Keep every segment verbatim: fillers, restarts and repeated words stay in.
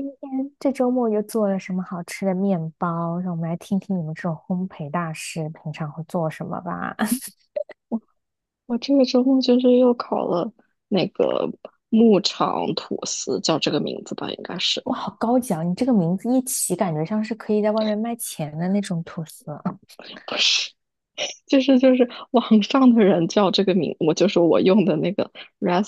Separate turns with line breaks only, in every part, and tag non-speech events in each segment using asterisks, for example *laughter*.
天这周末又做了什么好吃的面包？让我们来听听你们这种烘焙大师平常会做什么吧。
我这个周末就是又烤了那个牧场吐司，叫这个名字吧，应该
*laughs*
是
哇，好高级啊！你这个名字一起，感觉像是可以在外面卖钱的那种吐司，
不是？就是就是网上的人叫这个名，我就是我用的那个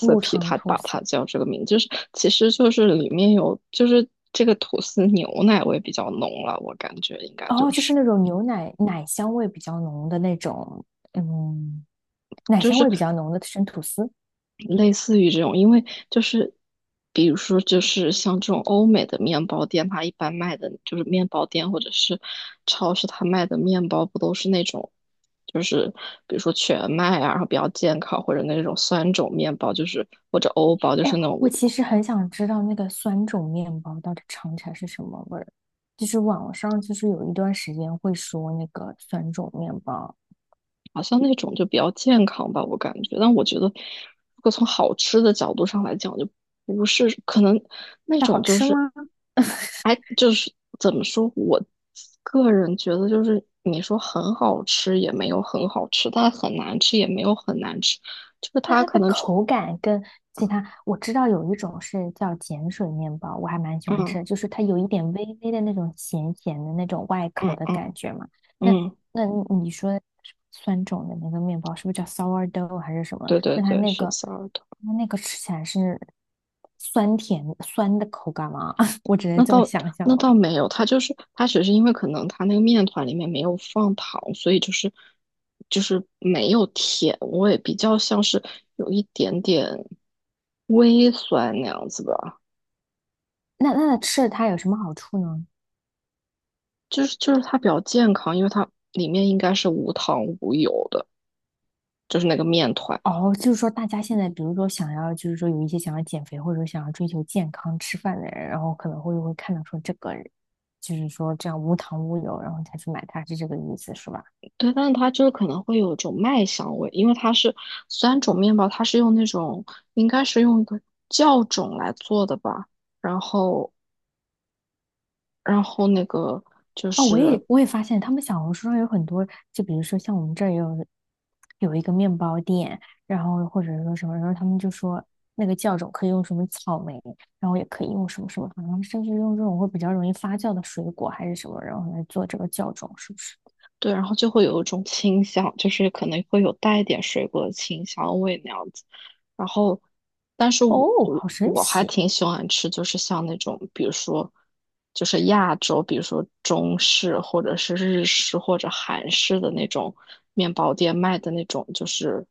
牧 场
他
吐
把它
司。
叫这个名，就是其实就是里面有就是这个吐司牛奶味比较浓了，我感觉应该就
哦，就
是。
是那种牛奶奶香味比较浓的那种，嗯，奶香味比较浓的生吐司。
类似于这种，因为就是比如说就是像这种欧美的面包店，它一般卖的就是面包店或者是超市，它卖的面包不都是那种就是比如说全麦啊，然后比较健康，或者那种酸种面包，就是或者欧包，就
哎，
是那
我
种
其实很想知道那个酸种面包到底尝起来是什么味儿。就是网上就是有一段时间会说那个酸种面包。
好像那种就比较健康吧，我感觉。但我觉得，如果从好吃的角度上来讲，就不是可能那
它好
种就
吃
是，
吗？
哎，就是怎么说，我个人觉得就是你说很好吃也没有很好吃，但很难吃也没有很难吃，就是
那
它
它
可
的
能就
口感跟其他，我知道有一种是叫碱水面包，我还蛮喜欢吃
嗯
的，就是它有一点微微的那种咸咸的那种外
嗯
壳的
嗯
感觉嘛。那
嗯，
那你说酸种的那个面包是不是叫 sourdough 还是什么？
对对
那它
对，
那
是
个
sorry。
那那个吃起来是酸甜酸的口感吗？*laughs* 我只能
那
这么
倒
想象
那
了。
倒没有，它就是它只是因为可能它那个面团里面没有放糖，所以就是就是没有甜味，比较像是有一点点微酸那样子吧。
那那吃了它有什么好处呢？
就是就是它比较健康，因为它里面应该是无糖无油的，就是那个面团。
哦，就是说，大家现在比如说想要，就是说有一些想要减肥或者说想要追求健康吃饭的人，然后可能会会看到说这个，就是说这样无糖无油，然后才去买它，是这个意思是吧？
对，但是它就是可能会有一种麦香味，因为它是三种面包，它是用那种应该是用一个酵种来做的吧。然后，然后那个就
哦，我
是
也我也发现他们小红书上有很多，就比如说像我们这儿也有有一个面包店，然后或者说什么，然后他们就说那个酵种可以用什么草莓，然后也可以用什么什么，好像甚至用这种会比较容易发酵的水果还是什么，然后来做这个酵种，是不是？
对，然后就会有一种清香，就是可能会有带一点水果的清香味那样子。然后，但是我
哦，
我
好神
我还
奇！
挺喜欢吃，就是像那种，比如说，就是亚洲，比如说中式或者是日式或者韩式的那种面包店卖的那种，就是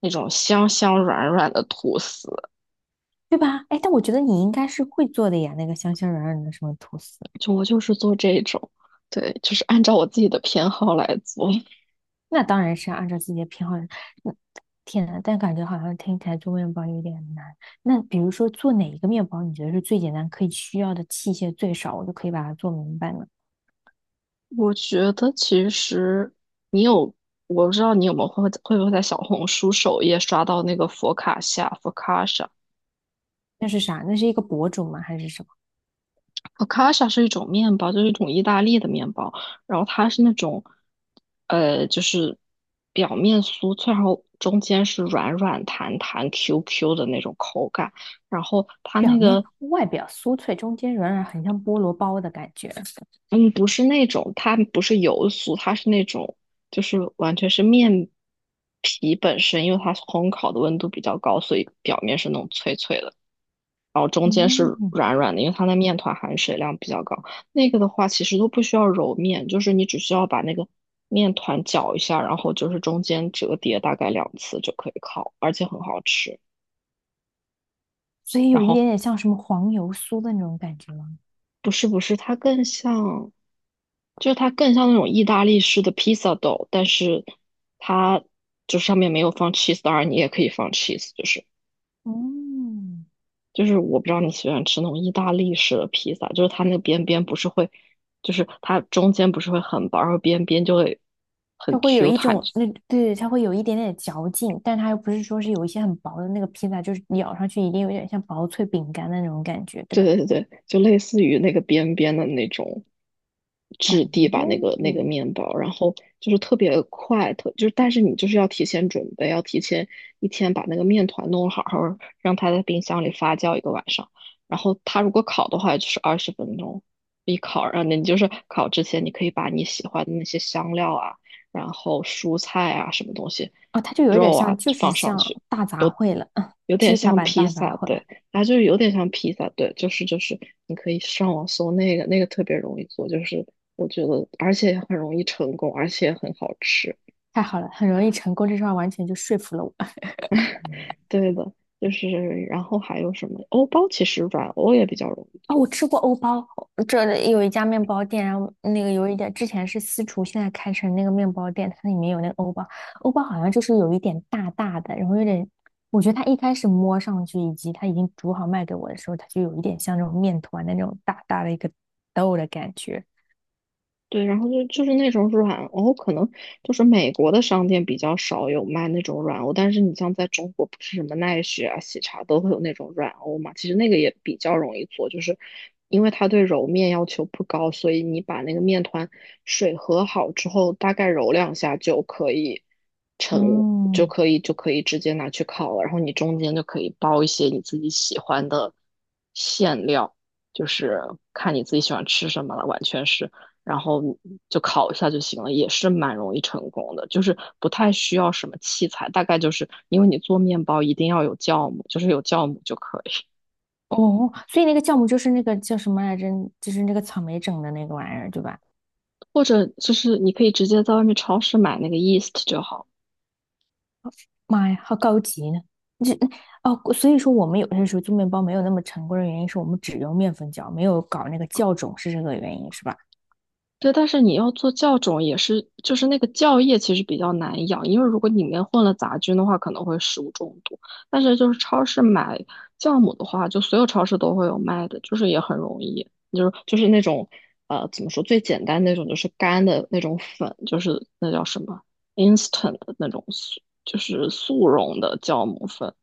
那种香香软软的吐司。
对吧？哎，但我觉得你应该是会做的呀，那个香香软软的什么吐司，
就我就是做这种，对，就是按照我自己的偏好来做。
那当然是按照自己的偏好。嗯，天呐，但感觉好像听起来做面包有点难。那比如说做哪一个面包，你觉得是最简单，可以需要的器械最少，我就可以把它做明白呢？
我觉得其实你有，我不知道你有没有会会不会在小红书首页刷到那个佛卡夏佛卡夏，
那是啥？那是一个博主吗？还是什么？
佛卡夏是一种面包，就是一种意大利的面包，然后它是那种，呃，就是表面酥脆，然后中间是软软弹弹、Q Q 的那种口感，然后它
表
那
面
个
外表酥脆，中间软软，很像菠萝包的感觉。
嗯，不是那种，它不是油酥，它是那种，就是完全是面皮本身，因为它烘烤的温度比较高，所以表面是那种脆脆的，然后中间
嗯，
是软软的，因为它的面团含水量比较高。那个的话，其实都不需要揉面，就是你只需要把那个面团搅一下，然后就是中间折叠大概两次就可以烤，而且很好吃。
所以
然
有一
后
点点像什么黄油酥的那种感觉吗？
不是不是，它更像。就是它更像那种意大利式的披萨豆，但是它就上面没有放 cheese，当然你也可以放 cheese，就是
嗯。
就是我不知道你喜欢吃那种意大利式的披萨，就是它那个边边不是会，就是它中间不是会很薄，然后边边就会很
它会有
Q
一
弹，
种那对，它会有一点点嚼劲，但它又不是说是有一些很薄的那个披萨，就是咬上去一定有点像薄脆饼干的那种感觉，对
对
吧？
对对对，就类似于那个边边的那种质地吧，那
哦，
个那个面包，然后就是特别快，特就是，但是你就是要提前准备，要提前一天把那个面团弄好，然后让它在冰箱里发酵一个晚上，然后它如果烤的话就是二十分钟一烤，然后你就是烤之前你可以把你喜欢的那些香料啊，然后蔬菜啊什么东西，
哦，它就有一点
肉
像，
啊
就是
放上
像
去，
大杂
有
烩了，
有
*laughs*
点
披萨
像
版
披
大杂
萨，
烩。
对。啊，就是有点像披萨，对，就是就是，你可以上网搜那个，那个特别容易做，就是我觉得，而且很容易成功，而且很好吃。
太好了，很容易成功，这句话完全就说服了我。
对的，就是然后还有什么欧包，其实软欧也比较容易
哦，我
做。
吃过欧包，这里有一家面包店，然后那个有一点之前是私厨，现在开成那个面包店，它里面有那个欧包，欧包好像就是有一点大大的，然后有点，我觉得它一开始摸上去以及它已经煮好卖给我的时候，它就有一点像那种面团的那种大大的一个豆的感觉。
对，然后就就是那种软欧，可能就是美国的商店比较少有卖那种软欧，但是你像在中国，不是什么奈雪啊、喜茶都会有那种软欧嘛，其实那个也比较容易做，就是因为它对揉面要求不高，所以你把那个面团水和好之后，大概揉两下就可以成，就
嗯，
可以就可以直接拿去烤了，然后你中间就可以包一些你自己喜欢的馅料。就是看你自己喜欢吃什么了，完全是。然后就烤一下就行了，也是蛮容易成功的，就是不太需要什么器材，大概就是因为你做面包一定要有酵母，就是有酵母就可以，
哦，所以那个酵母就是那个叫什么来着？就是那个草莓整的那个玩意儿，对吧？
或者就是你可以直接在外面超市买那个 yeast 就好。
妈呀，好高级呢！这哦，所以说我们有些时候做面包没有那么成功的原因是我们只用面粉酵，没有搞那个酵种，是这个原因是吧？
对，但是你要做酵种也是，就是那个酵液其实比较难养，因为如果里面混了杂菌的话，可能会食物中毒。但是就是超市买酵母的话，就所有超市都会有卖的，就是也很容易，就是就是那种呃怎么说最简单那种，就是干的那种粉，就是那叫什么 instant 的那种速，就是速溶的酵母粉。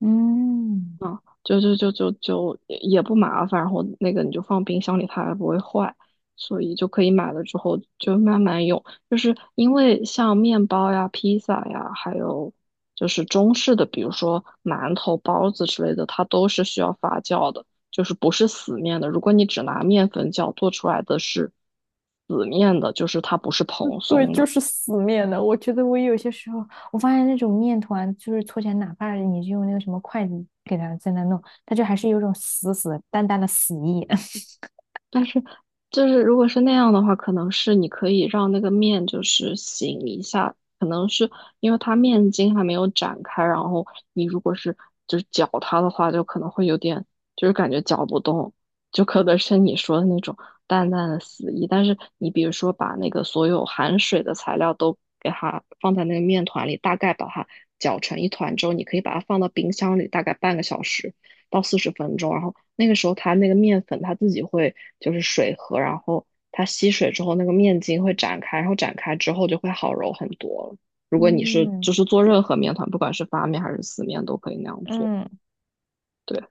嗯，
啊，就就就就就也也不麻烦，然后那个你就放冰箱里，它还不会坏，所以就可以买了之后就慢慢用。就是因为像面包呀、披萨呀，还有就是中式的，比如说馒头、包子之类的，它都是需要发酵的，就是不是死面的。如果你只拿面粉酵做出来的是死面的，就是它不是蓬
对，
松
就
的。
是死面的。我觉得我有些时候，我发现那种面团，就是搓起来，哪怕你是用那个什么筷子给它在那弄，它就还是有种死死淡淡的死意。*laughs*
但是，就是如果是那样的话，可能是你可以让那个面就是醒一下，可能是因为它面筋还没有展开，然后你如果是就是搅它的话，就可能会有点就是感觉搅不动，就可能是你说的那种淡淡的死意。但是你比如说把那个所有含水的材料都给它放在那个面团里，大概把它搅成一团之后，你可以把它放到冰箱里大概半个小时。到四十分钟，然后那个时候它那个面粉它自己会就是水和，然后它吸水之后那个面筋会展开，然后展开之后就会好揉很多了。如果你是
嗯
就是做任何面团，不管是发面还是死面，都可以那样做。
嗯，
对，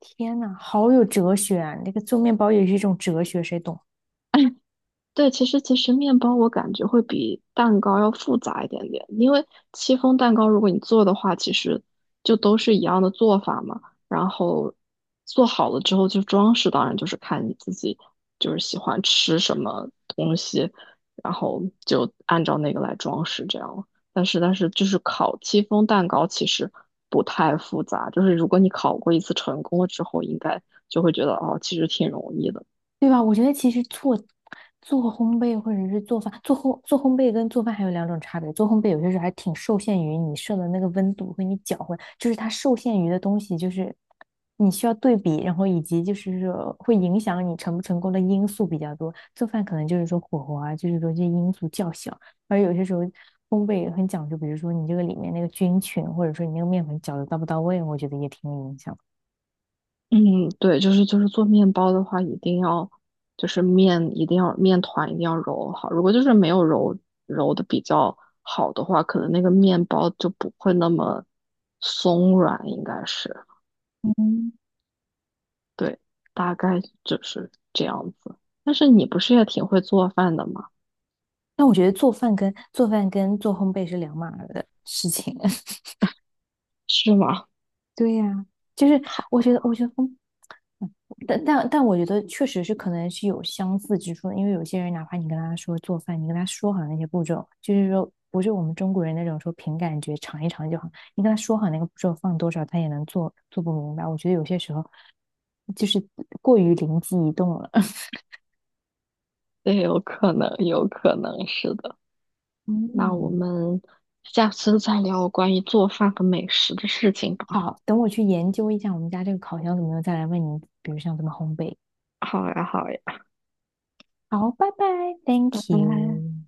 天呐，好有哲学啊！那个做面包也是一种哲学，谁懂？
对，其实其实面包我感觉会比蛋糕要复杂一点点，因为戚风蛋糕如果你做的话，其实就都是一样的做法嘛。然后做好了之后，就装饰当然就是看你自己就是喜欢吃什么东西，然后就按照那个来装饰这样。但是但是就是烤戚风蛋糕其实不太复杂，就是如果你烤过一次成功了之后，应该就会觉得哦，其实挺容易的。
对吧？我觉得其实做做烘焙或者是做饭，做烘做烘焙跟做饭还有两种差别。做烘焙有些时候还挺受限于你设的那个温度和你搅和，就是它受限于的东西，就是你需要对比，然后以及就是说会影响你成不成功的因素比较多。做饭可能就是说火候啊，就是说这些因素较小，而有些时候烘焙也很讲究，比如说你这个里面那个菌群，或者说你那个面粉搅的到不到位，我觉得也挺有影响。
嗯，对，就是就是做面包的话，一定要就是面一定要面团一定要揉好。如果就是没有揉揉的比较好的话，可能那个面包就不会那么松软，应该是
嗯。
对，大概就是这样子。但是你不是也挺会做饭的吗？
那我觉得做饭跟做饭跟做烘焙是两码儿的事情。*laughs*
是吗？
对呀、就是
*laughs*
我
好，
觉得，我觉得烘但但但我觉得确实是可能是有相似之处的，因为有些人哪怕你跟他说做饭，你跟他说好那些步骤，就是说不是我们中国人那种说凭感觉尝一尝就好，你跟他说好那个步骤放多少，他也能做做不明白。我觉得有些时候就是过于灵机一动了。*laughs*
也有可能，有可能是的。那我
嗯，
们下次再聊关于做饭和美食的事情吧。
好，等我去研究一下我们家这个烤箱怎么样，再来问你，比如像怎么烘焙。
好呀，好呀，
好，拜拜
拜
，Thank
拜。
you。